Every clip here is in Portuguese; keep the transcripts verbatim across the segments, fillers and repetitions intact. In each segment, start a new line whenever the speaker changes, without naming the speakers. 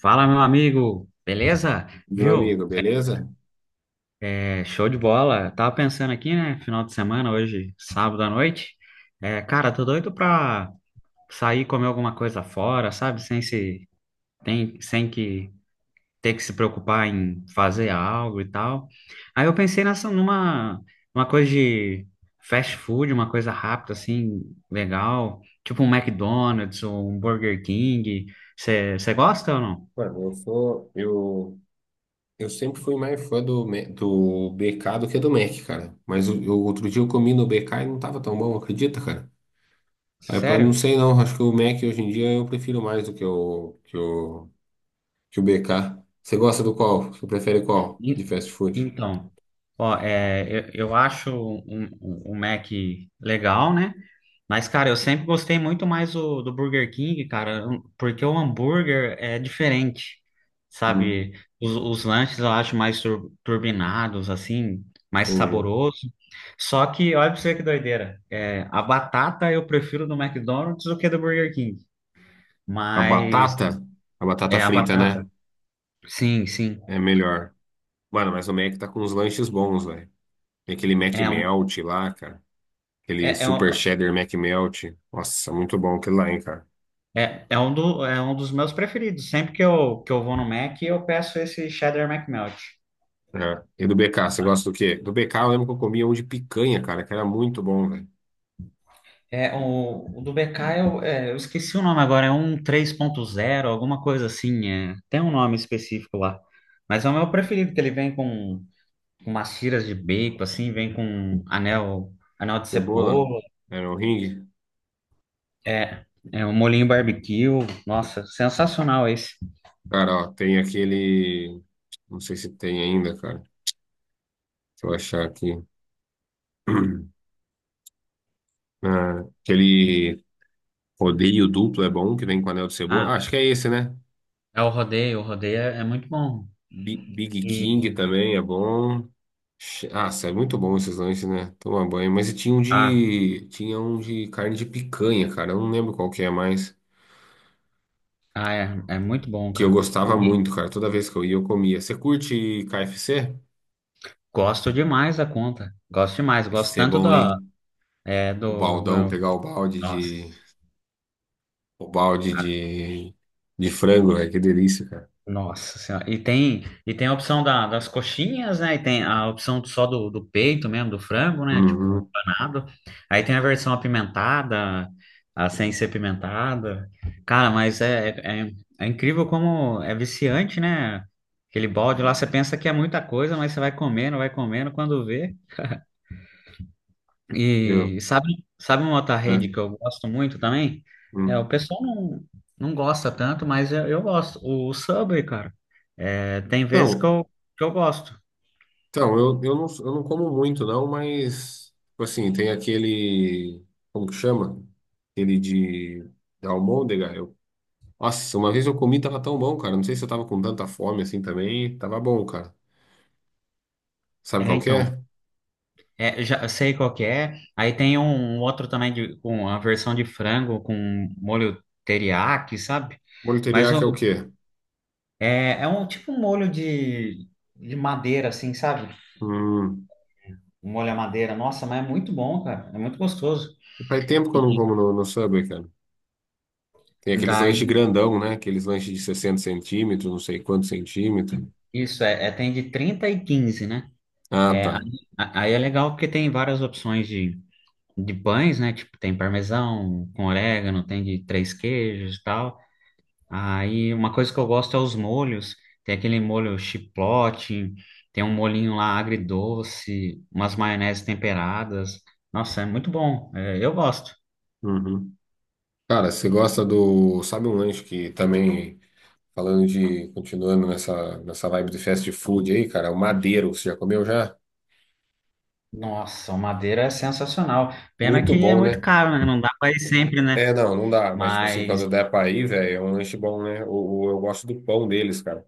Fala, meu amigo, beleza?
Meu
Viu?
amigo, beleza?
É, show de bola. Tava pensando aqui, né? Final de semana, hoje, sábado à noite. É, cara, tô doido pra sair comer alguma coisa fora, sabe? Sem se, tem, sem que ter que se preocupar em fazer algo e tal. Aí eu pensei nessa, numa uma coisa de fast food, uma coisa rápida, assim, legal. Tipo um McDonald's, ou um Burger King. Você gosta ou não?
Mano, eu sou. Eu, eu sempre fui mais fã do, Me- do B K do que do Mac, cara. Mas o, eu- outro dia eu comi no B K e não tava tão bom, acredita, cara? Aí, pá, não
Sério?
sei não, acho que o Mac hoje em dia eu prefiro mais do que o, que o, que o B K. Você gosta do qual? Você prefere qual de fast food?
Então, ó, é, eu, eu acho um, um, um Mac legal, né? Mas, cara, eu sempre gostei muito mais o, do Burger King, cara, um- porque o hambúrguer é diferente,
Hum,
sabe? Os, os lanches eu acho mais tur- turbinados, assim, mais
entendi.
saboroso. Só que, olha pra você que doideira, é, a batata eu prefiro do McDonald's do que do Burger King.
A batata?
Mas,
A batata
é, a
frita, né?
batata, sim, sim.
É melhor. Mano, mas o Mac tá com uns lanches bons, velho. Tem aquele Mac
É, um,
Melt lá, cara. Aquele
é, é
Super
um-
Cheddar Mac melt. Nossa, muito bom aquilo lá, hein, cara.
É, é, um do, é um dos meus preferidos. Sempre que eu, que eu vou no Mac, eu peço esse Cheddar McMelt.
É. E do B K, você gosta do quê? Do B K eu lembro que eu comia um de picanha, cara, que era muito bom, velho.
É, o, o do B K, eu, é, eu esqueci o nome agora, é um três ponto zero, alguma coisa assim. É. Tem um nome específico lá. Mas é o meu preferido, que ele vem com, com umas tiras de bacon, assim, vem com anel, anel de
Cebola,
cebola,
era um ringue.
é, é um molhinho barbecue. Nossa, sensacional esse.
Cara, ó, tem aquele... Não sei se tem ainda, cara. Deixa eu achar aqui. Ah, aquele rodeio duplo é bom, que vem com anel de cebola. Ah,
Ah,
acho que é esse, né?
é o rodeio, o rodeio é, é muito bom.
Bi- Big
E,
King também é bom. Che- Ah, é muito bom esses lanches, né? Toma banho. Mas e tinha um
ah,
de, tinha um de carne de picanha, cara. Eu não lembro qual que é mais.
ah, é, é muito bom,
Que eu
cara.
gostava muito, cara. Toda vez que eu ia, eu comia. Você curte K F C?
Gosto demais da conta. Gosto demais. Gosto
K F C é
tanto
bom,
da,
hein?
é,
O
do,
baldão,
do.
pegar o balde
Nossa.
de, o balde
Ah,
de, de frango, velho. Que delícia, cara.
Nossa Senhora. E tem, e tem a opção da- das coxinhas, né? E tem a opção só do, do peito mesmo, do frango, né? Tipo,
Uhum.
empanado. Aí tem a versão apimentada, a sem ser apimentada. Cara, mas é, é, é é incrível como é viciante, né? Aquele balde lá, você pensa que é muita coisa, mas você vai comendo, vai comendo, quando vê.
Eu,
E sabe, sabe uma outra
né?
rede que eu gosto muito também? É,
Hum.
o pessoal não, não gosta tanto, mas eu, eu gosto. O Subway, cara, é, tem vezes que
Então.
eu, que eu gosto.
Então, eu, eu, não, eu não como muito, não, mas, tipo assim, tem aquele. Como que chama? Aquele de. Da almôndega. Eu, nossa, uma vez eu comi, tava tão bom, cara. Não sei se eu tava com tanta fome assim também. Tava bom, cara. Sabe
É,
qual que
então,
é?
é, já sei qual que é. Aí tem um um outro também de, com a versão de frango com molho teriyaki, sabe?
Molho
Mas
teriyaki é o
o,
quê?
é, é um tipo um molho de, de madeira, assim, sabe?
Hum,
Um molho à madeira. Nossa, mas é muito bom, cara. É muito gostoso.
faz tempo que eu não
E
como no, no Subway, cara. Tem aqueles lanches
daí,
grandão, né? Aqueles lanches de sessenta centímetros, não sei quantos centímetros.
isso, é, é, tem de trinta e quinze, né?
Ah,
É, aí,
tá.
a- aí é legal porque tem várias opções de, de pães, né? Tipo, tem parmesão, com orégano, tem de três queijos e tal. Aí uma coisa que eu gosto é os molhos. Tem aquele molho chipotle, tem um molhinho lá agridoce, umas maioneses temperadas. Nossa, é muito bom. É, eu gosto.
Uhum. Cara, você gosta do. Sabe um lanche que também. Falando de, continuando nessa, nessa vibe de fast food aí, cara, o Madeiro, você já comeu já?
Nossa, o Madeira é sensacional. Pena
Muito
que é
bom,
muito
né?
caro, né? Não dá para ir sempre, né?
É, não, não dá, mas tipo assim,
Mas,
quando der pra ir, velho, é um lanche bom, né? O, o- eu gosto do pão deles, cara.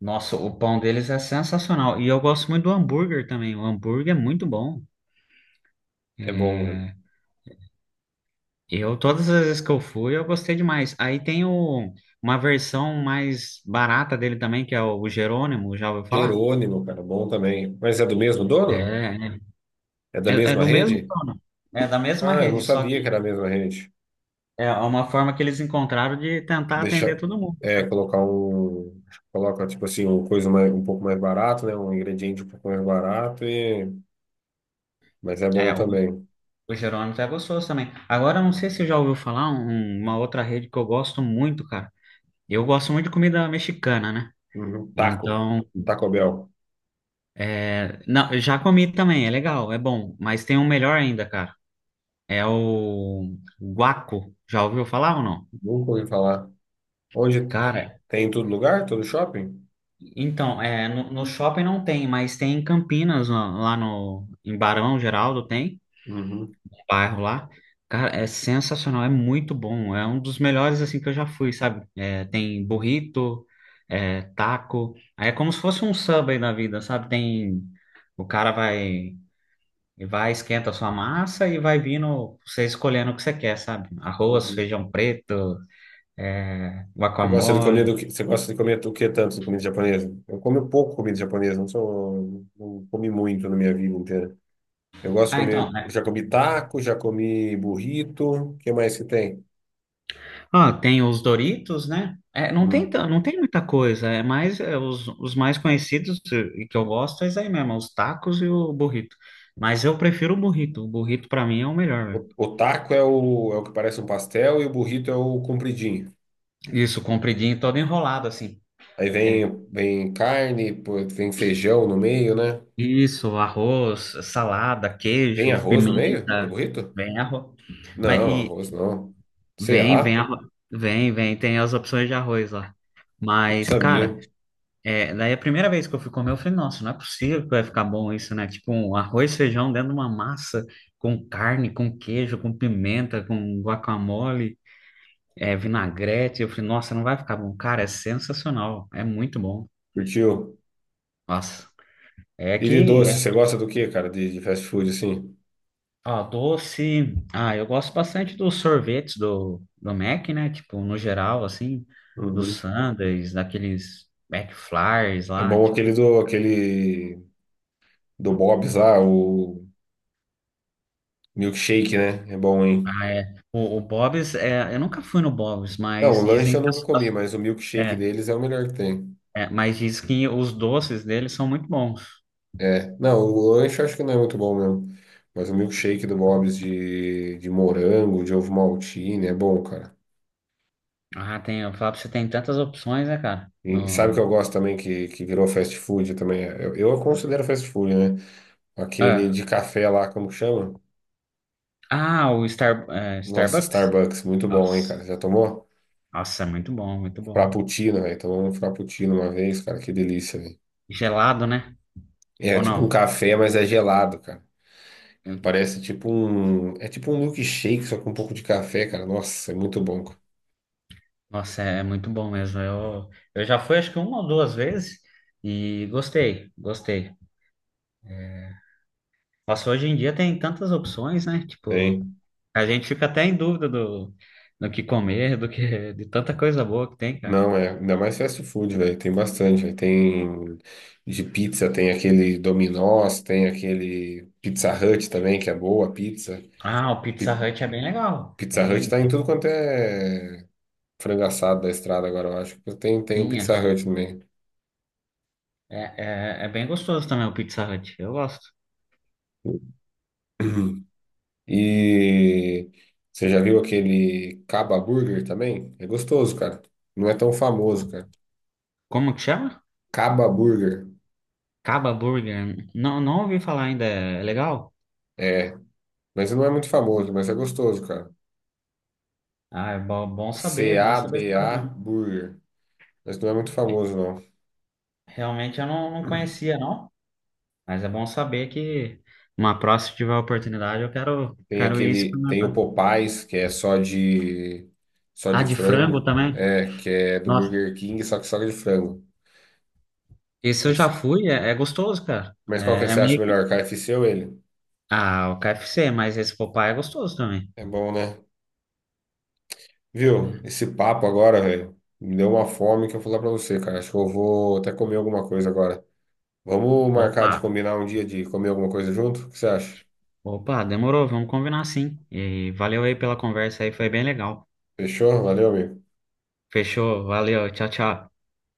nossa, o pão deles é sensacional. E eu gosto muito do hambúrguer também. O hambúrguer é muito bom.
É bom, né?
É, eu, todas as vezes que eu fui, eu gostei demais. Aí tem o, uma versão mais barata dele também, que é o Jerônimo, já ouviu falar?
Jerônimo, cara, bom também. Mas é do mesmo dono?
É,
É da
é, é
mesma
do mesmo
rede?
dono, é da mesma
Ah, eu não
rede, só
sabia que
que
era a mesma rede.
é uma forma que eles encontraram de tentar atender
Deixa,
todo mundo.
é, colocar um, coloca tipo assim, uma coisa mais, um pouco mais barato, né? Um ingrediente um pouco mais barato e, mas é
É,
bom
o,
também.
o Jerônimo é gostoso também. Agora, eu não sei se você já ouviu falar um- uma outra rede que eu gosto muito, cara. Eu gosto muito de comida mexicana, né?
Uhum. Taco,
Então,
Taco Bell.
É, não, eu já comi também, é legal, é bom, mas tem um melhor ainda, cara. É o guaco. Já ouviu falar ou não?
Nunca ouvi falar. Hoje
Cara,
tem em todo lugar, todo shopping?
então, é, no, no shopping não tem, mas tem em Campinas, lá lá no, em Barão Geraldo tem,
Uhum,
um bairro lá. Cara, é sensacional, é muito bom, é um dos melhores assim que eu já fui, sabe? É, tem burrito, é, taco, aí é como se fosse um Subway da vida, sabe? Tem. O cara vai E vai, esquenta a sua massa e vai vindo você escolhendo o que você quer, sabe? Arroz,
uhum.
feijão preto, é,
Você gosta de comer
guacamole.
do que, você gosta de comer o que tanto de comida japonesa? Eu como pouco comida japonesa, não sou, não comi muito na minha vida inteira. Eu gosto de
Ah, então,
comer,
né?
já comi taco, já comi burrito, o que mais que tem?
Ah, tem os Doritos, né? É, não tem,
Hum.
tan- não tem muita coisa, é mais é, os, os mais conhecidos e e que eu gosto é isso aí mesmo, é os tacos e o burrito. Mas eu prefiro o burrito, o burrito pra mim é o melhor,
O,
velho.
o taco é o, é o que parece um pastel e o burrito é o compridinho.
Isso, compridinho, todo enrolado assim.
Aí
Aquele-
vem, vem carne, pô, vem feijão no meio, né?
Isso, arroz, salada,
Vem
queijo,
arroz no meio do
pimenta,
burrito?
bem arroz. Mas
Não,
e,
arroz não.
Vem, vem,
Será?
arro- vem, vem, tem as opções de arroz lá.
Não
Mas,
sabia.
cara, é, daí a primeira vez que eu fui comer, eu falei, nossa, não é possível que vai ficar bom isso, né? Tipo, um arroz, feijão dentro de uma massa com carne, com queijo, com pimenta, com guacamole, é, vinagrete. Eu falei, nossa, não vai ficar bom. Cara, é sensacional, é muito bom.
Curtiu?
Nossa! É
E de
que é
doce, você gosta do que, cara, de, de fast food, assim?
Ah, doce. Ah, eu gosto bastante dos sorvetes do, do Mac, né? Tipo, no geral, assim, dos
Uhum.
sundaes, daqueles McFlys
É
lá,
bom
tipo.
aquele do, aquele do Bob's lá, o milkshake, né? É bom, hein?
Ah, é. O, o Bob's, é, eu nunca fui no Bob's,
Não,
mas
o lanche
dizem
eu
que as-
nunca comi,
as-
mas o milkshake
é,
deles é o melhor que tem.
é, mas diz que os doces dele são muito bons.
É, não, o lanche eu acho que não é muito bom mesmo. Mas o milkshake do Bob's de, de morango, de ovo maltine, é bom, cara.
Ah, tem, eu falo pra você, tem tantas opções, né, cara?
E sabe o que
No,
eu gosto também, que, que virou fast food também? Eu, eu considero fast food, né? Aquele
ah,
de café lá, como que chama?
ah, o Star, é,
Nossa,
Starbucks?
Starbucks, muito bom, hein,
Nossa,
cara? Já tomou?
nossa, é muito bom, muito bom.
Frappuccino, velho. Tomou um frappuccino uma vez, cara, que delícia, velho.
Gelado, né?
É
Ou
tipo um
não?
café, mas é gelado, cara. Parece tipo um. É tipo um milkshake, só com um pouco de café, cara. Nossa, é muito bom, cara.
Nossa, é muito bom mesmo. Eu, eu já fui acho que uma ou duas vezes e gostei, gostei. Nossa, hoje em dia tem tantas opções, né? Tipo,
Tem.
a gente fica até em dúvida do, do que comer, do que de tanta coisa boa que tem, cara.
Não, é. Ainda mais fast food, velho. Tem bastante, velho. Tem de pizza, tem aquele Domino's, tem aquele Pizza Hut também, que é boa, pizza.
Ah, o Pizza
Pi-
Hut é bem legal.
Pizza Hut
Bem,
tá em tudo quanto é. Frango assado da estrada agora, eu acho. Tem, tem um
sim,
Pizza
acho-
Hut também.
é, é, é bem gostoso também o Pizza Hut. Eu gosto.
E você já viu aquele Caba Burger também? É gostoso, cara. Não é tão famoso, cara.
Como que chama?
Caba Burger.
Caba Burger. Não, não ouvi falar ainda. É legal?
É, mas não é muito famoso, mas é gostoso, cara.
Ah, é bom, bom saber, bom saber.
C-A-B-A Burger. Mas não é muito famoso, não.
Realmente eu não, não conhecia, não. Mas é bom saber que uma próxima, se tiver oportunidade, eu quero,
Tem
quero ir
aquele, tem o
experimentar.
Popeyes, que é só de só
Ah,
de
de frango
frango,
também?
é, que é do
Nossa,
Burger King, só que só de frango.
esse eu já
Esse-
fui, é, é gostoso, cara.
Mas qual que
É, é
você acha
meio que.
melhor, K F C ou ele?
Ah, o K F C, mas esse Popeye é gostoso também.
É bom, né? Viu?
Né?
Esse papo agora, velho, me deu uma fome que eu vou falar pra você, cara. Acho que eu vou até comer alguma coisa agora. Vamos marcar de
Opa,
combinar um dia de comer alguma coisa junto? O que você acha?
opa, demorou, vamos combinar sim. E valeu aí pela conversa aí, foi bem legal.
Fechou? Valeu, amigo.
Fechou, valeu, tchau, tchau.